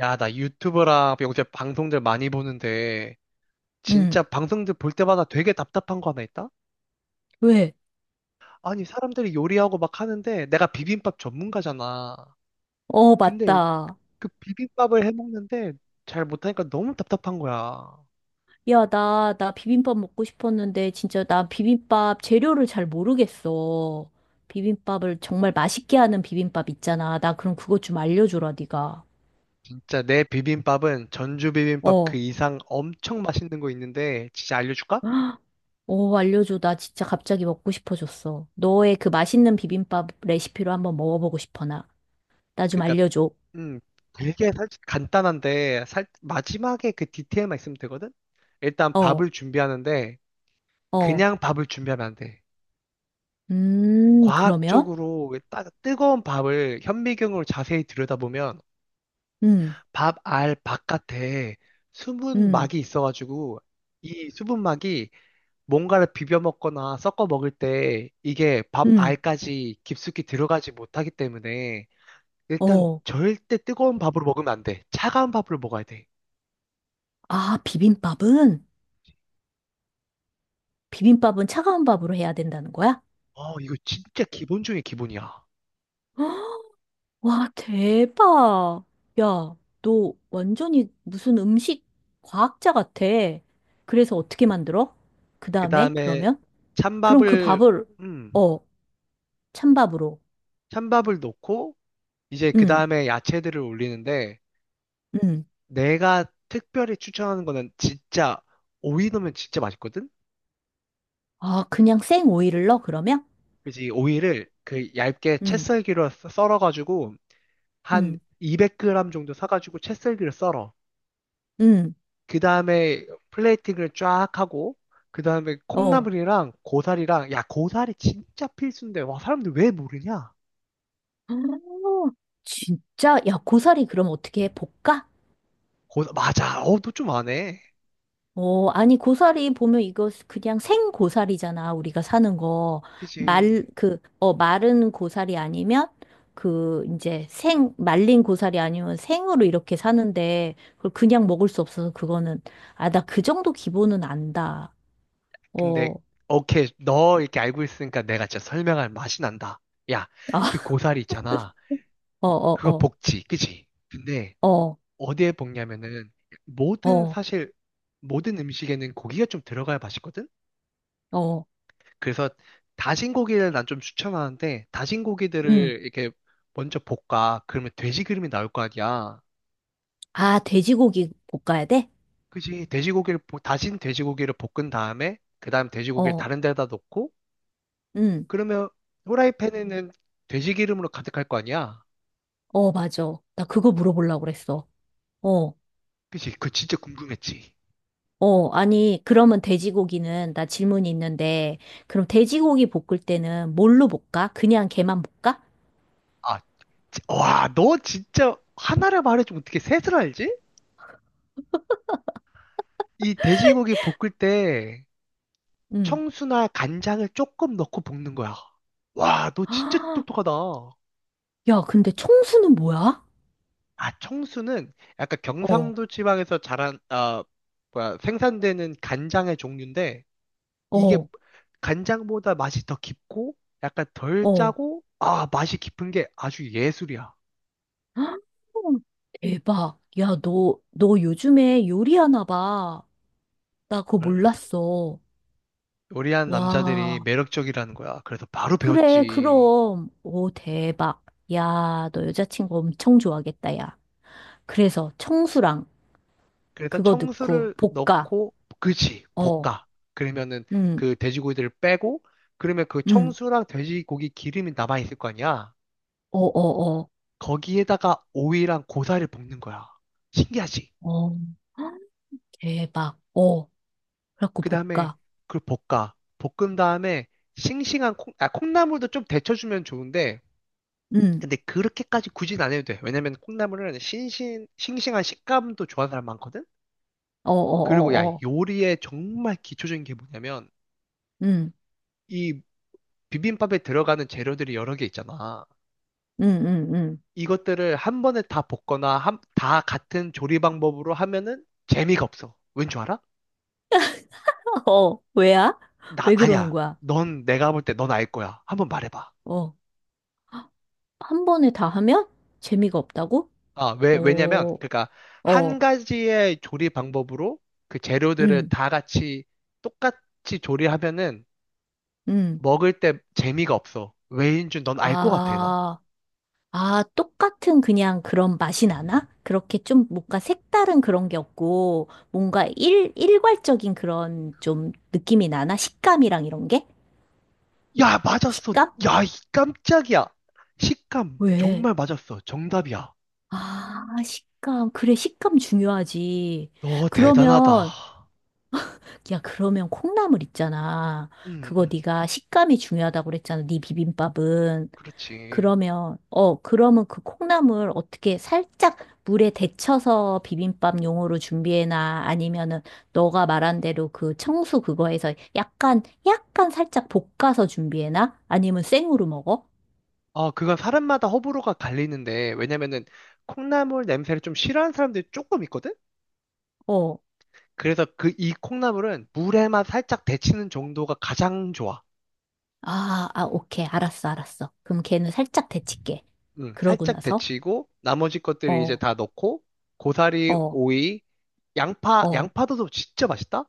야, 나 유튜버랑 요새 방송들 많이 보는데, 응, 진짜 방송들 볼 때마다 되게 답답한 거 하나 있다? 왜? 아니, 사람들이 요리하고 막 하는데, 내가 비빔밥 전문가잖아. 어, 근데 맞다. 그 비빔밥을 해 먹는데, 잘 못하니까 너무 답답한 거야. 야, 나 비빔밥 먹고 싶었는데, 진짜 나 비빔밥 재료를 잘 모르겠어. 비빔밥을 정말 맛있게 하는 비빔밥 있잖아. 나 그럼 그것 좀 알려줘라, 네가. 진짜 내 비빔밥은 전주 비빔밥 어. 그 이상 엄청 맛있는 거 있는데, 진짜 알려줄까? 헉, 어, 알려줘. 나 진짜 갑자기 먹고 싶어졌어. 너의 그 맛있는 비빔밥 레시피로 한번 먹어보고 싶어, 나. 나 좀 그러니까, 알려줘. 음, 되게 간단한데, 마지막에 그 디테일만 있으면 되거든? 일단 어, 밥을 준비하는데, 어. 그냥 밥을 준비하면 안 돼. 그러면? 과학적으로 왜 뜨거운 밥을 현미경으로 자세히 들여다보면 음, 밥알 바깥에 음, 수분막이 있어가지고 이 수분막이 뭔가를 비벼 먹거나 섞어 먹을 때 이게 밥 음. 알까지 깊숙이 들어가지 못하기 때문에 일단 어. 절대 뜨거운 밥으로 먹으면 안 돼. 차가운 밥으로 먹어야 돼. 아, 비빔밥은? 비빔밥은 차가운 밥으로 해야 된다는 거야? 어, 이거 진짜 기본 중에 기본이야. 헉, 와, 대박. 야, 너 완전히 무슨 음식 과학자 같아. 그래서 어떻게 만들어? 그 그 다음에, 다음에 그러면? 그럼 그 찬밥을, 밥을, 음, 어, 찬밥으로. 찬밥을 넣고 이제 그 응, 다음에 야채들을 올리는데 응. 내가 특별히 추천하는 거는 진짜 오이 넣으면 진짜 맛있거든? 아, 그냥 생 오이를 넣어, 그러면? 그지? 오이를 그 얇게 채 응, 썰기로 썰어가지고 한 응, 200g 정도 사가지고 채 썰기로 썰어. 응, 그 다음에 플레이팅을 쫙 하고 그 다음에 어. 콩나물이랑 고사리랑 야 고사리 진짜 필수인데 와 사람들 왜 모르냐? 아, 진짜? 야, 고사리 그럼 어떻게 해? 볶아? 고 맞아. 어, 너 좀 아네. 어, 아니, 고사리 보면 이거 그냥 생 고사리잖아, 우리가 사는 거. 그지? 그, 마른 고사리 아니면, 그, 이제 생, 말린 고사리 아니면 생으로 이렇게 사는데, 그걸 그냥 먹을 수 없어서 그거는, 아, 나 그 정도 기본은 안다. 어, 근데 아, 오케이 너 이렇게 알고 있으니까 내가 진짜 설명할 맛이 난다. 야, 그 고사리 있잖아. 어, 어, 그거 어, 복지, 그지? 근데 어, 어디에 볶냐면은 모든 어, 사실 모든 음식에는 고기가 좀 들어가야 맛있거든? 어, 그래서 다진 고기를 난 좀 추천하는데 다진 고기들을 음. 이렇게 먼저 볶아. 그러면 돼지 기름이 나올 거 아니야. 아, 돼지고기 볶아야 돼? 그지? 돼지고기를 다진 돼지고기를 볶은 다음에 그다음 돼지고기를 어, 다른 데다 놓고 음. 그러면 후라이팬에는 돼지 기름으로 가득할 거 아니야. 어, 맞아. 나 그거 물어보려고 그랬어. 어. 그지? 그거 진짜 궁금했지. 어, 아니, 그러면 돼지고기는, 나 질문이 있는데, 그럼 돼지고기 볶을 때는 뭘로 볶아? 그냥 걔만 볶아? 아, 와, 너 진짜 하나를 말해주면 어떻게 셋을 알지? 이 돼지고기 볶을 때 응. 청수나 간장을 조금 넣고 볶는 거야. 와, 너 진짜 아, 똑똑하다. 야, 근데 청수는 뭐야? 아, 청수는 약간 어, 경상도 지방에서 자란, 아, 뭐야, 생산되는 간장의 종류인데, 이게 어, 간장보다 맛이 더 깊고, 약간 덜 어. 짜고, 아, 맛이 깊은 게 아주 예술이야. 아, 대박. 야, 너 요즘에 요리하나 봐. 나 그거 어, 몰랐어. 요리하는 남자들이 와, 매력적이라는 거야. 그래서 바로 그래, 배웠지. 그럼. 오, 대박. 야, 너 여자친구 엄청 좋아하겠다, 야. 그래서 청수랑 그래서 그거 넣고 청수를 볶아. 넣고 그치 어. 볶아. 그러면은 응 그 돼지고기들을 빼고 그러면 그 응. 청수랑 돼지고기 기름이 남아 있을 거 아니야. 어, 어, 어. 거기에다가 오이랑 고사를 볶는 거야. 신기하지. 어. 대박. 어. 그래갖고 그 다음에 볶아. 그걸 볶아 볶은 다음에 싱싱한 콩, 아, 콩나물도 좀 데쳐주면 좋은데 응. 근데 그렇게까지 굳이 안 해도 돼. 왜냐면 콩나물은 신신 싱싱한 식감도 좋아하는 사람 많거든. 어, 어, 그리고 야 어, 어. 요리의 정말 기초적인 게 뭐냐면 응. 이 비빔밥에 들어가는 재료들이 여러 개 있잖아. 응, 응, 응. 이것들을 한 번에 다 볶거나 다 같은 조리 방법으로 하면은 재미가 없어. 왠 줄 알아? 어. 왜야? 나 왜 그러는 아니야. 거야? 넌 내가 볼 때 넌 알 거야. 한번 말해봐. 어. 한 번에 다 하면 재미가 없다고? 아, 왜 왜냐면 어. 그러니까 한 어. 가지의 조리 방법으로 그 재료들을 응. 다 같이 똑같이 조리하면은 응. 먹을 때 재미가 없어. 왜인 줄 넌 알 것 같아, 난. 아. 아, 똑같은 그냥 그런 맛이 나나? 그렇게 좀 뭔가 색다른 그런 게 없고, 뭔가 일괄적인 그런 좀 느낌이 나나? 식감이랑 이런 게? 야, 맞았어. 식감? 야, 이 깜짝이야. 식감 왜? 정말 맞았어. 정답이야. 아, 식감. 그래, 식감 중요하지. 너 그러면, 대단하다. 야, 그러면 콩나물 있잖아. 음, 그거 음, 네가 식감이 중요하다고 그랬잖아. 네 비빔밥은. 그렇지. 그러면, 어, 그러면 그 콩나물 어떻게 살짝 물에 데쳐서 비빔밥 용으로 준비해놔? 아니면은 너가 말한 대로 그 청수 그거에서 약간, 약간 살짝 볶아서 준비해놔? 아니면 생으로 먹어? 아, 그건 사람마다 호불호가 갈리는데, 왜냐면은 콩나물 냄새를 좀 싫어하는 사람들이 조금 있거든? 어. 그래서 그 이 콩나물은 물에만 살짝 데치는 정도가 가장 좋아. 아, 아, 오케이. 알았어, 알았어. 그럼 걔는 살짝 데칠게. 응, 그러고 살짝 나서, 데치고, 나머지 것들이 이제 어, 다 넣고, 고사리, 어, 오이, 양파, 어. 양파도 진짜 맛있다?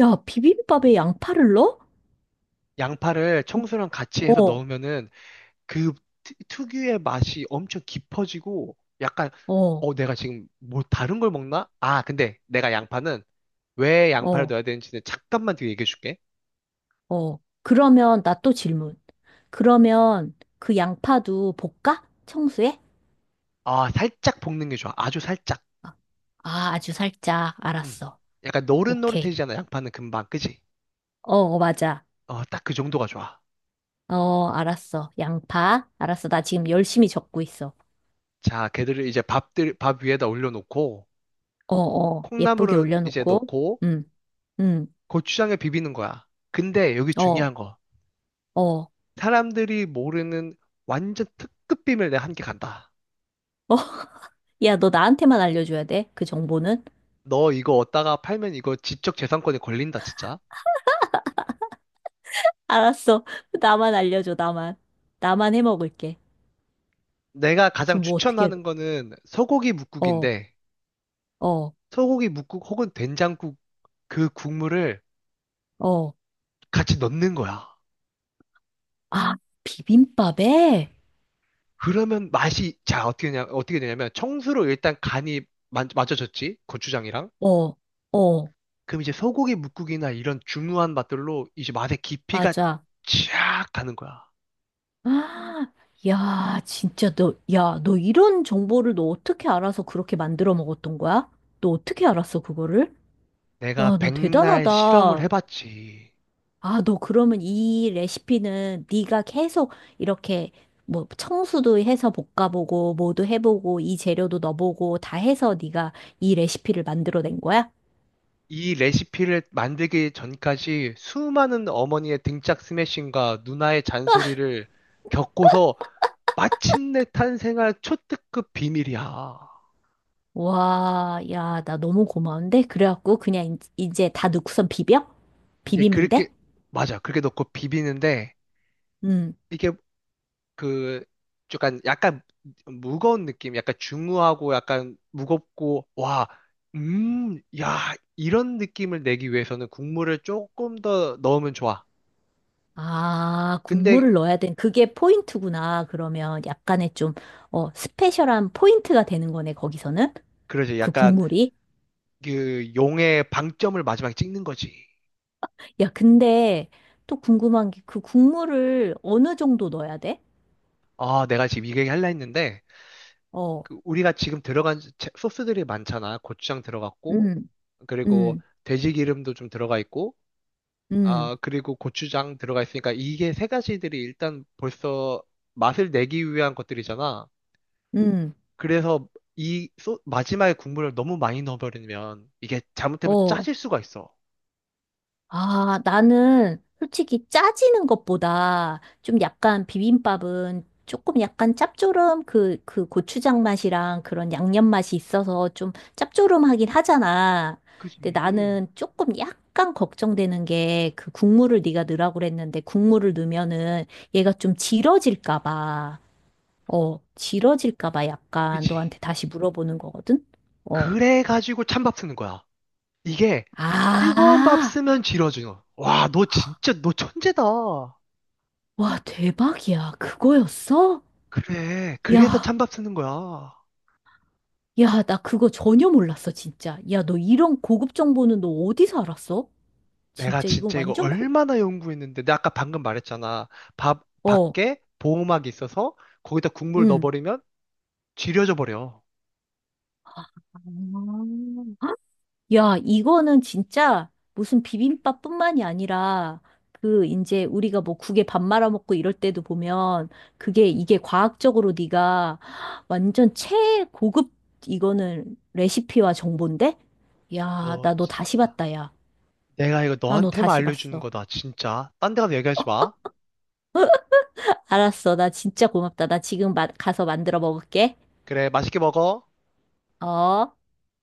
야, 비빔밥에 양파를 넣어? 양파를 청소랑 같이 해서 어, 넣으면은 그 특유의 맛이 엄청 깊어지고 약간 어, 어, 어 내가 지금 뭐 다른 걸 먹나? 아 근데 내가 양파는 왜 양파를 어. 넣어야 되는지는 잠깐만 뒤에 얘기해 줄게. 어. 그러면 나 또 질문. 그러면 그 양파도 볶아? 청소해? 아 살짝 볶는 게 좋아. 아주 살짝. 아, 아, 아주 살짝. 음. 알았어. 약간 오케이. 노릇노릇해지잖아. 양파는 금방 그지? 어, 어, 맞아. 어딱 그 정도가 좋아. 어, 알았어. 양파. 알았어. 나 지금 열심히 적고 있어. 자 걔들을 이제 밥들 밥 위에다 올려놓고 어, 어. 예쁘게 콩나물을 이제 올려놓고. 넣고 응, 응. 고추장에 비비는 거야. 근데 여기 어, 중요한 거 어. 사람들이 모르는 완전 특급 비밀 내가 한 개 간다. 어, 야, 너 나한테만 알려줘야 돼. 그 정보는? 너 이거 얻다가 팔면 이거 지적 재산권에 걸린다, 진짜. 알았어. 나만 알려줘, 나만. 나만 해 먹을게. 내가 가장 그럼 뭐 어떻게 해야 돼? 추천하는 거는 소고기 어, 뭇국인데, 어, 소고기 뭇국 혹은 된장국 그 국물을 어. 같이 넣는 거야. 아, 비빔밥에? 그러면 맛이, 자, 어떻게 되냐면, 청수로 일단 간이 맞춰졌지? 고추장이랑. 어, 어, 그럼 이제 소고기 뭇국이나 이런 중후한 맛들로 이제 맛의 깊이가 맞아. 쫙 가는 거야. 아, 야, 진짜 너, 야, 너 이런 정보를 너 어떻게 알아서 그렇게 만들어 먹었던 거야? 너 어떻게 알았어, 그거를? 내가 와, 너 백날 실험을 대단하다. 해봤지. 아, 너 그러면 이 레시피는 네가 계속 이렇게 뭐 청수도 해서 볶아보고 뭐도 해보고 이 재료도 넣어보고 다 해서 네가 이 레시피를 만들어낸 거야? 이 레시피를 만들기 전까지 수많은 어머니의 등짝 스매싱과 누나의 잔소리를 겪고서 마침내 탄생한 초특급 비밀이야. 와, 야, 나 너무 고마운데? 그래갖고 그냥 이제 다 넣고선 비벼? 이제 비비면 그렇게, 돼? 맞아. 그렇게 넣고 비비는데, 음. 이게 그, 약간, 약간 무거운 느낌, 약간 중후하고 약간 무겁고, 와, 야, 이런 느낌을 내기 위해서는 국물을 조금 더 넣으면 좋아. 아, 근데, 국물을 넣어야 된 그게 포인트구나. 그러면 약간의 좀, 어, 스페셜한 포인트가 되는 거네, 거기서는. 그러지. 그 약간 국물이. 그 용의 방점을 마지막에 찍는 거지. 야, 근데 또 궁금한 게 그 국물을 어느 정도 넣어야 돼? 아, 내가 지금 이 얘기 할라 했는데, 어, 그 우리가 지금 들어간 소스들이 많잖아. 고추장 들어갔고, 음, 그리고 음, 돼지 기름도 좀 들어가 있고, 음, 아, 그리고 고추장 들어가 있으니까 이게 세 가지들이 일단 벌써 맛을 내기 위한 것들이잖아. 음, 그래서 이 소, 마지막에 국물을 너무 많이 넣어버리면 이게 잘못되면 어. 짜질 수가 있어. 아, 나는 솔직히 짜지는 것보다 좀 약간 비빔밥은 조금 약간 짭조름 그, 그 고추장 맛이랑 그런 양념 맛이 있어서 좀 짭조름하긴 하잖아. 근데 그지. 나는 조금 약간 걱정되는 게 그 국물을 네가 넣으라고 그랬는데 국물을 넣으면은 얘가 좀 질어질까 봐. 어, 길어질까 봐 약간 그지. 너한테 다시 물어보는 거거든? 어. 그래가지고 찬밥 쓰는 거야. 이게 뜨거운 밥 아, 쓰면 질어줘. 와, 너 진짜, 너 천재다. 와, 대박이야. 그거였어? 그래, 그래서 야, 찬밥 쓰는 거야. 야, 나 그거 전혀 몰랐어, 진짜. 야, 너 이런 고급 정보는 너 어디서 알았어? 내가 진짜 이건 진짜 이거 완전 고, 얼마나 연구했는데. 내가 아까 방금 말했잖아. 밥, 어, 밖에 보호막이 있어서 거기다 국물 응. 넣어버리면 질려져 버려. 아, 야, 이거는 진짜 무슨 비빔밥뿐만이 아니라 그 이제 우리가 뭐 국에 밥 말아 먹고 이럴 때도 보면 그게 이게 과학적으로 네가 완전 최고급 이거는 레시피와 정보인데? 야, 너 나 너 다시 진짜. 봤다, 야. 내가 이거 나 너 너한테만 다시 알려주는 봤어. 거다, 진짜. 딴 데 가서 얘기하지 마. 알았어. 나 진짜 고맙다. 나 지금 가서 만들어 먹을게. 그래, 맛있게 먹어. 어?